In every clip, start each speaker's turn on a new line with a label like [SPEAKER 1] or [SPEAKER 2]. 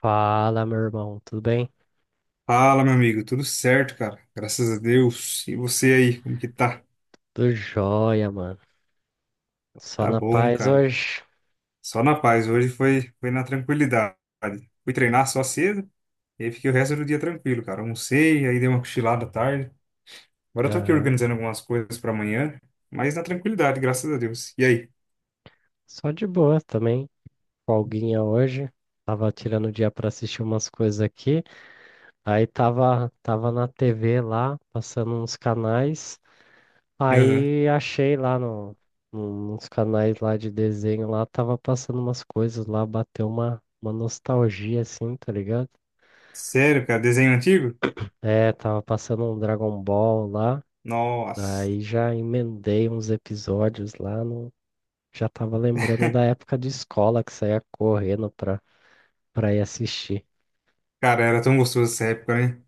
[SPEAKER 1] Fala, meu irmão, tudo bem?
[SPEAKER 2] Fala, meu amigo, tudo certo, cara? Graças a Deus. E você aí, como que tá?
[SPEAKER 1] Tudo jóia, mano. Só
[SPEAKER 2] Tá
[SPEAKER 1] na
[SPEAKER 2] bom,
[SPEAKER 1] paz
[SPEAKER 2] cara.
[SPEAKER 1] hoje.
[SPEAKER 2] Só na paz, hoje foi na tranquilidade. Fui treinar só cedo, e aí fiquei o resto do dia tranquilo, cara. Almocei, aí dei uma cochilada à tarde. Agora eu tô aqui
[SPEAKER 1] Aham.
[SPEAKER 2] organizando algumas coisas pra amanhã, mas na tranquilidade, graças a Deus. E aí?
[SPEAKER 1] Só de boa também. Folguinha hoje. Tava tirando o dia pra assistir umas coisas aqui. Aí tava na TV lá, passando uns canais.
[SPEAKER 2] Aham.
[SPEAKER 1] Aí achei lá nos canais lá de desenho lá, tava passando umas coisas lá, bateu uma nostalgia assim, tá ligado?
[SPEAKER 2] Sério, cara, desenho antigo?
[SPEAKER 1] É, tava passando um Dragon Ball lá.
[SPEAKER 2] Nossa,
[SPEAKER 1] Aí já emendei uns episódios lá no. Já tava lembrando da época de escola que saía correndo pra ir assistir.
[SPEAKER 2] cara, era tão gostoso essa época, né?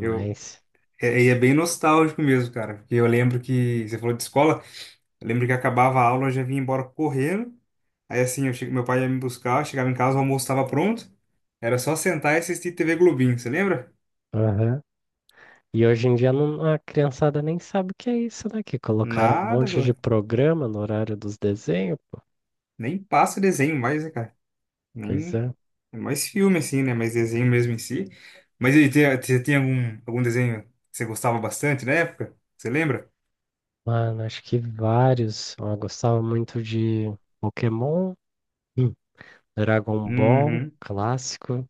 [SPEAKER 2] Eu, e é bem nostálgico mesmo, cara, porque eu lembro que você falou de escola. Eu lembro que acabava a aula, eu já vinha embora correndo. Aí assim, meu pai ia me buscar, eu chegava em casa, o almoço estava pronto. Era só sentar e assistir TV Globinho, você lembra?
[SPEAKER 1] Aham. E hoje em dia não- a criançada nem sabe o que é isso, né? Que colocaram um
[SPEAKER 2] Nada, pô.
[SPEAKER 1] monte de programa no horário dos desenhos.
[SPEAKER 2] Nem passa desenho mais, né, cara?
[SPEAKER 1] Pois
[SPEAKER 2] Nem...
[SPEAKER 1] é.
[SPEAKER 2] É mais filme, assim, né? Mais desenho mesmo em si. Mas e aí, você tem algum desenho que você gostava bastante na época? Você lembra?
[SPEAKER 1] Mano, acho que vários. Eu gostava muito de Pokémon, hum, Dragon Ball,
[SPEAKER 2] Uhum.
[SPEAKER 1] clássico,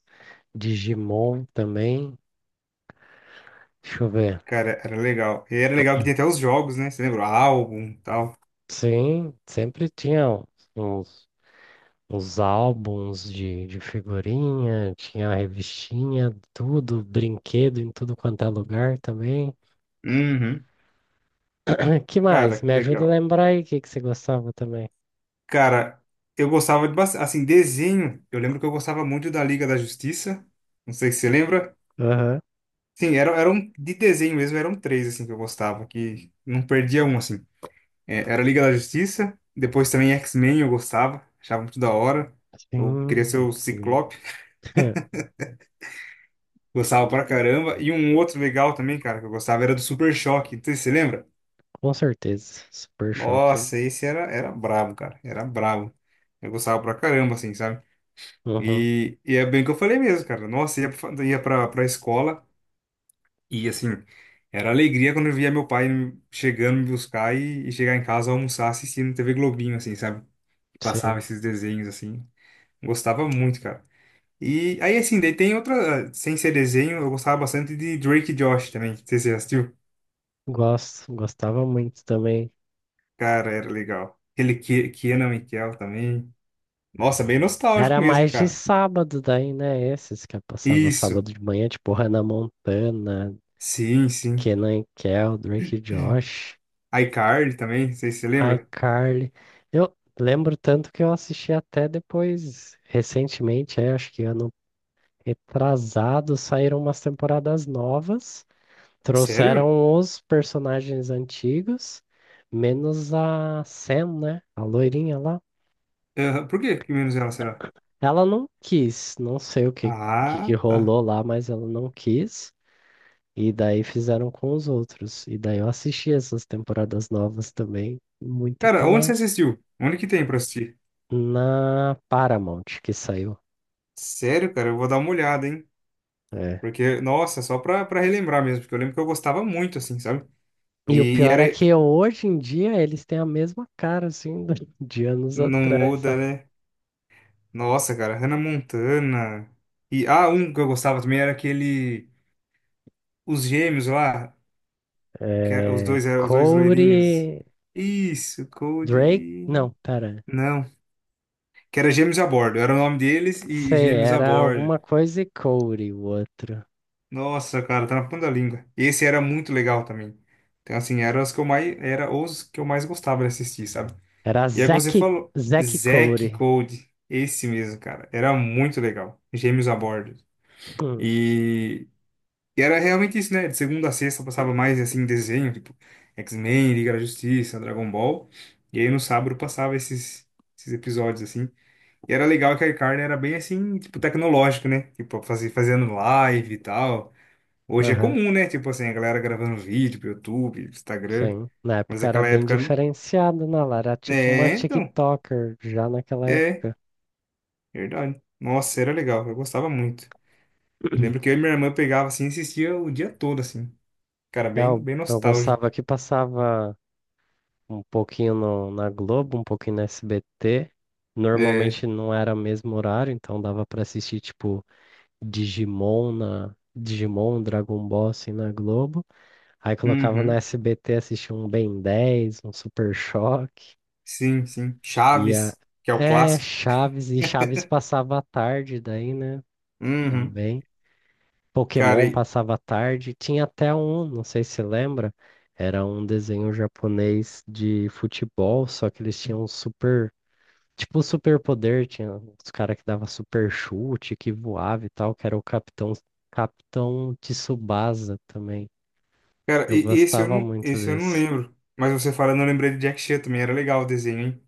[SPEAKER 1] Digimon também. Deixa eu ver.
[SPEAKER 2] Cara, era legal. E era legal que tinha até os jogos, né? Você lembra? O álbum e tal.
[SPEAKER 1] Sim, sempre tinha uns os álbuns de figurinha, tinha a revistinha, tudo, brinquedo em tudo quanto é lugar também.
[SPEAKER 2] Uhum.
[SPEAKER 1] Que mais?
[SPEAKER 2] Cara, que
[SPEAKER 1] Me ajuda a
[SPEAKER 2] legal.
[SPEAKER 1] lembrar aí o que que você gostava também.
[SPEAKER 2] Cara, eu gostava de bastante. Assim, desenho. Eu lembro que eu gostava muito da Liga da Justiça. Não sei se você lembra.
[SPEAKER 1] Aham.
[SPEAKER 2] Sim, era um, de desenho mesmo, eram três assim que eu gostava, que não perdia um assim. É, era Liga da Justiça, depois também X-Men eu gostava, achava muito da hora. Eu queria ser
[SPEAKER 1] Sim,
[SPEAKER 2] o
[SPEAKER 1] sim.
[SPEAKER 2] Ciclope, gostava pra caramba. E um outro legal também, cara, que eu gostava era do Super Choque. Não sei se você lembra?
[SPEAKER 1] Com certeza. Super choque.
[SPEAKER 2] Nossa, esse era brabo, cara. Era brabo. Eu gostava pra caramba, assim, sabe?
[SPEAKER 1] Uhum,
[SPEAKER 2] E é bem o que eu falei mesmo, cara. Nossa, ia, pra escola e, assim, era alegria quando eu via meu pai chegando me buscar e chegar em casa almoçar assistindo TV Globinho, assim, sabe? Passava
[SPEAKER 1] sim.
[SPEAKER 2] esses desenhos, assim. Gostava muito, cara. E aí, assim, daí tem outra, sem ser desenho, eu gostava bastante de Drake e Josh também. Não sei se você já assistiu.
[SPEAKER 1] Gosto, gostava muito também.
[SPEAKER 2] Cara, era legal. Aquele Kenan Michael também. Nossa, bem nostálgico
[SPEAKER 1] Era
[SPEAKER 2] mesmo, hein,
[SPEAKER 1] mais de
[SPEAKER 2] cara.
[SPEAKER 1] sábado daí, né? Esses que eu passava
[SPEAKER 2] Isso.
[SPEAKER 1] sábado de manhã, tipo Hannah Montana,
[SPEAKER 2] Sim, sim.
[SPEAKER 1] Kenan e Kel, Drake e Josh.
[SPEAKER 2] iCarly também, não sei se você lembra.
[SPEAKER 1] iCarly. Eu lembro tanto que eu assisti até depois, recentemente, é, acho que ano retrasado, saíram umas temporadas novas,
[SPEAKER 2] Sério?
[SPEAKER 1] trouxeram os personagens antigos, menos a Sam, né? A loirinha lá.
[SPEAKER 2] Aham. Por que que menos ela será?
[SPEAKER 1] Ela não quis, não sei o que, que
[SPEAKER 2] Ah, tá.
[SPEAKER 1] rolou lá, mas ela não quis. E daí fizeram com os outros. E daí eu assisti essas temporadas novas também, muito
[SPEAKER 2] Cara, onde você
[SPEAKER 1] pela
[SPEAKER 2] assistiu? Onde que tem pra assistir?
[SPEAKER 1] na Paramount que saiu.
[SPEAKER 2] Sério, cara, eu vou dar uma olhada, hein?
[SPEAKER 1] É.
[SPEAKER 2] Porque, nossa, só pra relembrar mesmo, porque eu lembro que eu gostava muito, assim, sabe?
[SPEAKER 1] E o
[SPEAKER 2] E
[SPEAKER 1] pior
[SPEAKER 2] era.
[SPEAKER 1] é que hoje em dia eles têm a mesma cara, assim, do- de anos
[SPEAKER 2] Não
[SPEAKER 1] atrás,
[SPEAKER 2] muda,
[SPEAKER 1] sabe?
[SPEAKER 2] né? Nossa, cara, Hannah Montana. E, ah, um que eu gostava também era aquele. Os gêmeos lá, os
[SPEAKER 1] É,
[SPEAKER 2] dois eram os dois loirinhos.
[SPEAKER 1] Corey,
[SPEAKER 2] Isso,
[SPEAKER 1] Drake,
[SPEAKER 2] Cody.
[SPEAKER 1] não, pera.
[SPEAKER 2] Não, que era Gêmeos a Bordo. Era o nome deles e
[SPEAKER 1] Sei,
[SPEAKER 2] Gêmeos a
[SPEAKER 1] era
[SPEAKER 2] Bordo.
[SPEAKER 1] alguma coisa e Corey, o outro.
[SPEAKER 2] Nossa, cara, tá na ponta da língua. Esse era muito legal também. Então, assim, era os que eu mais gostava de assistir, sabe?
[SPEAKER 1] Era
[SPEAKER 2] E aí que você
[SPEAKER 1] Zack,
[SPEAKER 2] falou,
[SPEAKER 1] Zack
[SPEAKER 2] Zack
[SPEAKER 1] Corey.
[SPEAKER 2] Code, esse mesmo, cara. Era muito legal. Gêmeos a bordo.
[SPEAKER 1] Hum,
[SPEAKER 2] E, e era realmente isso, né? De segunda a sexta passava mais, assim, desenho, tipo X-Men, Liga da Justiça, Dragon Ball. E aí no sábado passava esses episódios, assim. E era legal que a iCarly era bem, assim, tipo, tecnológico, né? Tipo, fazer fazendo live e tal. Hoje é
[SPEAKER 1] Aham,
[SPEAKER 2] comum, né? Tipo assim, a galera gravando vídeo pro YouTube, Instagram.
[SPEAKER 1] sim. Na
[SPEAKER 2] Mas
[SPEAKER 1] época era
[SPEAKER 2] naquela
[SPEAKER 1] bem
[SPEAKER 2] época.
[SPEAKER 1] diferenciado, né? Ela era tipo uma
[SPEAKER 2] É, então.
[SPEAKER 1] TikToker já naquela
[SPEAKER 2] É,
[SPEAKER 1] época.
[SPEAKER 2] verdade. Nossa, era legal. Eu gostava muito. Eu lembro que eu e minha irmã pegava assim e assistia o dia todo, assim. Cara, bem,
[SPEAKER 1] Eu,
[SPEAKER 2] bem
[SPEAKER 1] eu
[SPEAKER 2] nostálgico.
[SPEAKER 1] gostava que passava. Um pouquinho no- na Globo, um pouquinho na SBT.
[SPEAKER 2] É.
[SPEAKER 1] Normalmente não era o mesmo horário, então dava pra assistir tipo Digimon na Digimon, Dragon Ball assim na Globo. Aí colocava na
[SPEAKER 2] Uhum.
[SPEAKER 1] SBT assistia um Ben dez, um Super Choque.
[SPEAKER 2] Sim, sim.
[SPEAKER 1] E a...
[SPEAKER 2] Chaves, que é o
[SPEAKER 1] É,
[SPEAKER 2] clássico.
[SPEAKER 1] Chaves, e Chaves passava à tarde daí, né?
[SPEAKER 2] Uhum.
[SPEAKER 1] Também.
[SPEAKER 2] Cara,
[SPEAKER 1] Pokémon
[SPEAKER 2] e,
[SPEAKER 1] passava à tarde. Tinha até um, não sei se você lembra, era um desenho japonês de futebol, só que eles tinham um super tipo superpoder, tinha os caras que dava super chute, que voava e tal, que era o Capitão Tsubasa também.
[SPEAKER 2] cara,
[SPEAKER 1] Eu gostava muito
[SPEAKER 2] esse eu não
[SPEAKER 1] desse.
[SPEAKER 2] lembro. Mas você falando, eu lembrei de Jack Chan também. Era legal o desenho, hein?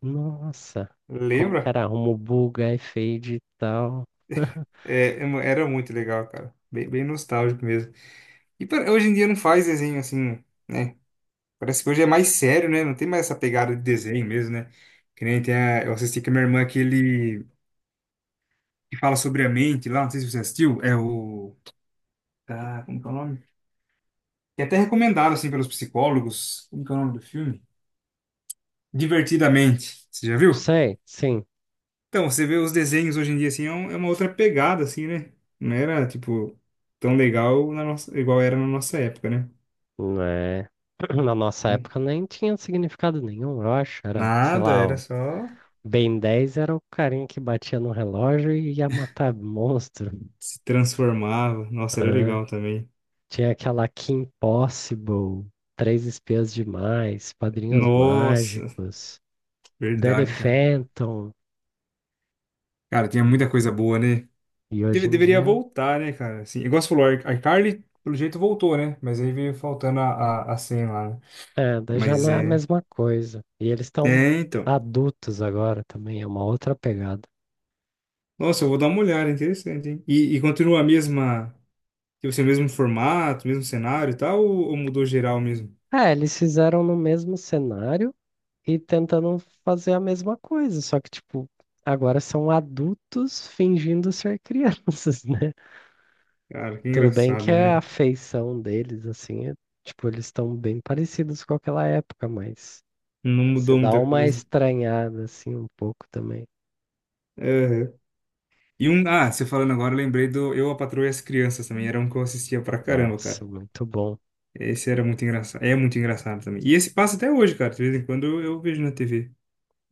[SPEAKER 1] Nossa, como que
[SPEAKER 2] Lembra?
[SPEAKER 1] era? Rumo buga e fade e tal.
[SPEAKER 2] É, era muito legal, cara. Bem, bem nostálgico mesmo. E hoje em dia não faz desenho assim, né? Parece que hoje é mais sério, né? Não tem mais essa pegada de desenho mesmo, né? Que nem tem a, eu assisti com a minha irmã aquele que fala sobre a mente lá, não sei se você assistiu, é o... Tá, como que é o nome? Que é até recomendado, assim, pelos psicólogos. Como que é o nome do filme? Divertidamente. Você já viu?
[SPEAKER 1] Sei, sim.
[SPEAKER 2] Então, você vê os desenhos hoje em dia, assim, é uma outra pegada, assim, né? Não era, tipo, tão legal na nossa, igual era na nossa época, né?
[SPEAKER 1] Não é- Na nossa
[SPEAKER 2] Então,
[SPEAKER 1] época nem tinha significado nenhum, eu acho. Era, sei
[SPEAKER 2] nada,
[SPEAKER 1] lá,
[SPEAKER 2] era
[SPEAKER 1] o
[SPEAKER 2] só.
[SPEAKER 1] Ben 10 era o carinha que batia no relógio e ia matar monstro.
[SPEAKER 2] Se transformava. Nossa, era
[SPEAKER 1] Ah.
[SPEAKER 2] legal também.
[SPEAKER 1] Tinha aquela Kim Possible, Três Espiãs Demais, Padrinhos
[SPEAKER 2] Nossa,
[SPEAKER 1] Mágicos, Danny
[SPEAKER 2] verdade, cara.
[SPEAKER 1] Phantom.
[SPEAKER 2] Cara, tinha
[SPEAKER 1] Hum.
[SPEAKER 2] muita coisa boa, né?
[SPEAKER 1] E hoje em
[SPEAKER 2] Deveria
[SPEAKER 1] dia,
[SPEAKER 2] voltar, né, cara? Assim, igual você falou, a iCarly, pelo jeito, voltou, né? Mas aí veio faltando a senha lá, né?
[SPEAKER 1] é, daí já
[SPEAKER 2] Mas
[SPEAKER 1] não é a
[SPEAKER 2] é.
[SPEAKER 1] mesma coisa. E eles estão
[SPEAKER 2] É, então.
[SPEAKER 1] adultos agora também, é uma outra pegada.
[SPEAKER 2] Nossa, eu vou dar uma olhada, interessante, hein? E continua a mesma. Tipo assim, o mesmo formato, o mesmo cenário e tal, ou mudou geral mesmo?
[SPEAKER 1] É, eles fizeram no mesmo cenário e tentando fazer a mesma coisa, só que, tipo, agora são adultos fingindo ser crianças, né?
[SPEAKER 2] Cara, que
[SPEAKER 1] Tudo bem
[SPEAKER 2] engraçado,
[SPEAKER 1] que a
[SPEAKER 2] né?
[SPEAKER 1] feição deles, assim, é- tipo, eles estão bem parecidos com aquela época, mas
[SPEAKER 2] Não
[SPEAKER 1] você
[SPEAKER 2] mudou
[SPEAKER 1] dá
[SPEAKER 2] muita
[SPEAKER 1] uma
[SPEAKER 2] coisa.
[SPEAKER 1] estranhada, assim, um pouco também.
[SPEAKER 2] É, e um, ah, você falando agora, eu lembrei do Eu, a Patroa e as Crianças também. Era um que eu assistia pra caramba,
[SPEAKER 1] Nossa,
[SPEAKER 2] cara.
[SPEAKER 1] muito bom.
[SPEAKER 2] Esse era muito engraçado. É muito engraçado também. E esse passa até hoje, cara. De vez em quando eu vejo na TV.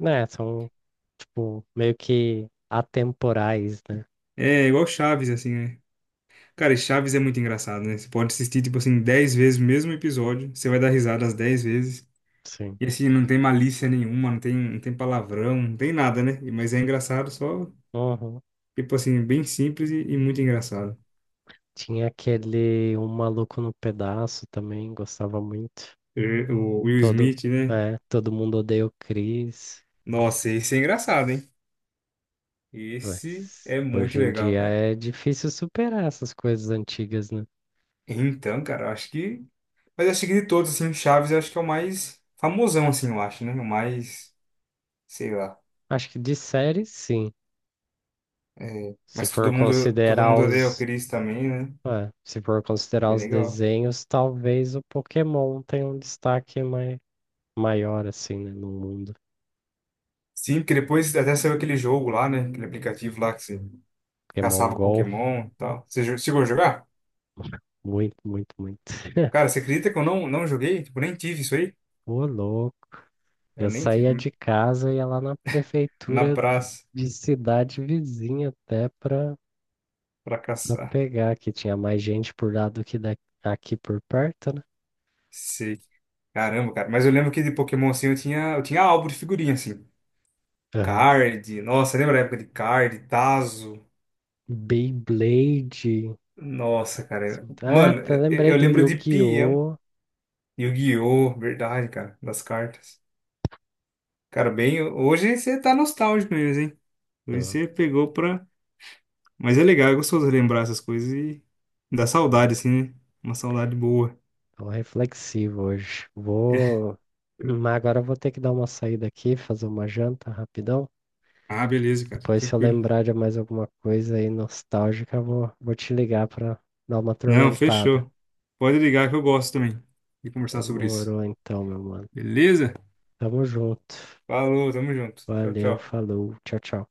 [SPEAKER 1] Né, são, tipo, meio que atemporais, né?
[SPEAKER 2] É igual Chaves, assim, né? Cara, e Chaves é muito engraçado, né? Você pode assistir, tipo assim, dez vezes o mesmo episódio. Você vai dar risada as 10 vezes.
[SPEAKER 1] Sim.
[SPEAKER 2] E assim, não tem malícia nenhuma, não tem palavrão, não tem nada, né? E- mas é engraçado só,
[SPEAKER 1] Uhum.
[SPEAKER 2] tipo assim, bem simples e muito engraçado.
[SPEAKER 1] Tinha aquele Um Maluco no Pedaço também, gostava muito.
[SPEAKER 2] Eh, o Will
[SPEAKER 1] Todo,
[SPEAKER 2] Smith, né?
[SPEAKER 1] todo mundo odeia o Chris,
[SPEAKER 2] Nossa, esse é engraçado, hein. Esse
[SPEAKER 1] mas
[SPEAKER 2] é muito
[SPEAKER 1] hoje em
[SPEAKER 2] legal,
[SPEAKER 1] dia
[SPEAKER 2] cara.
[SPEAKER 1] é difícil superar essas coisas antigas, né?
[SPEAKER 2] Então, cara, eu acho que. Mas eu acho que de todos, assim, Chaves eu acho que é o mais famosão, assim, eu acho, né? O mais. Sei lá.
[SPEAKER 1] Acho que de série, sim.
[SPEAKER 2] É,
[SPEAKER 1] Se
[SPEAKER 2] mas
[SPEAKER 1] for
[SPEAKER 2] todo
[SPEAKER 1] considerar
[SPEAKER 2] mundo odeia o Chris também, né? Bem
[SPEAKER 1] os
[SPEAKER 2] legal.
[SPEAKER 1] desenhos, talvez o Pokémon tenha um destaque maior, assim, né, no mundo.
[SPEAKER 2] Sim, porque depois até saiu aquele jogo lá, né? Aquele aplicativo lá que você
[SPEAKER 1] Pokémon
[SPEAKER 2] caçava
[SPEAKER 1] Go,
[SPEAKER 2] Pokémon e tal. Chegou a jogar?
[SPEAKER 1] muito, muito, muito.
[SPEAKER 2] Cara, você acredita que eu não joguei? Tipo, nem tive isso aí?
[SPEAKER 1] Ô, louco.
[SPEAKER 2] Eu
[SPEAKER 1] Eu
[SPEAKER 2] nem tive.
[SPEAKER 1] saía de casa e ia lá na
[SPEAKER 2] Na
[SPEAKER 1] prefeitura
[SPEAKER 2] praça,
[SPEAKER 1] de cidade vizinha até
[SPEAKER 2] pra
[SPEAKER 1] pra
[SPEAKER 2] caçar.
[SPEAKER 1] pegar, que tinha mais gente por lá do que da, aqui por perto, né?
[SPEAKER 2] Sei. Caramba, cara. Mas eu lembro que de Pokémon, assim, eu tinha álbum de figurinha, assim.
[SPEAKER 1] Aham.
[SPEAKER 2] Card, nossa, lembra a época de Card, Tazo?
[SPEAKER 1] Beyblade.
[SPEAKER 2] Nossa, cara.
[SPEAKER 1] Assim, ah,
[SPEAKER 2] Mano,
[SPEAKER 1] tá, lembrei
[SPEAKER 2] eu
[SPEAKER 1] do
[SPEAKER 2] lembro de Pião,
[SPEAKER 1] Yu-Gi-Oh!
[SPEAKER 2] Yu-Gi-Oh! Verdade, cara, das cartas. Cara, bem, hoje você tá nostálgico mesmo, hein? Hoje
[SPEAKER 1] Tô,
[SPEAKER 2] você pegou pra. Mas é legal, é gostoso lembrar essas coisas e dá saudade,
[SPEAKER 1] sim.
[SPEAKER 2] assim, né? Uma saudade boa.
[SPEAKER 1] Tô reflexivo hoje. Vou. Mas agora eu vou ter que dar uma saída aqui, fazer uma janta rapidão.
[SPEAKER 2] Ah, beleza, cara,
[SPEAKER 1] Depois, se eu
[SPEAKER 2] tranquilo.
[SPEAKER 1] lembrar de mais alguma coisa aí nostálgica, eu vou te ligar pra dar uma
[SPEAKER 2] Não,
[SPEAKER 1] atormentada.
[SPEAKER 2] fechou. Pode ligar que eu gosto também de conversar sobre isso.
[SPEAKER 1] Demorou então, meu mano.
[SPEAKER 2] Beleza?
[SPEAKER 1] Tamo junto.
[SPEAKER 2] Falou, tamo junto. Tchau,
[SPEAKER 1] Valeu,
[SPEAKER 2] tchau.
[SPEAKER 1] falou. Tchau, tchau.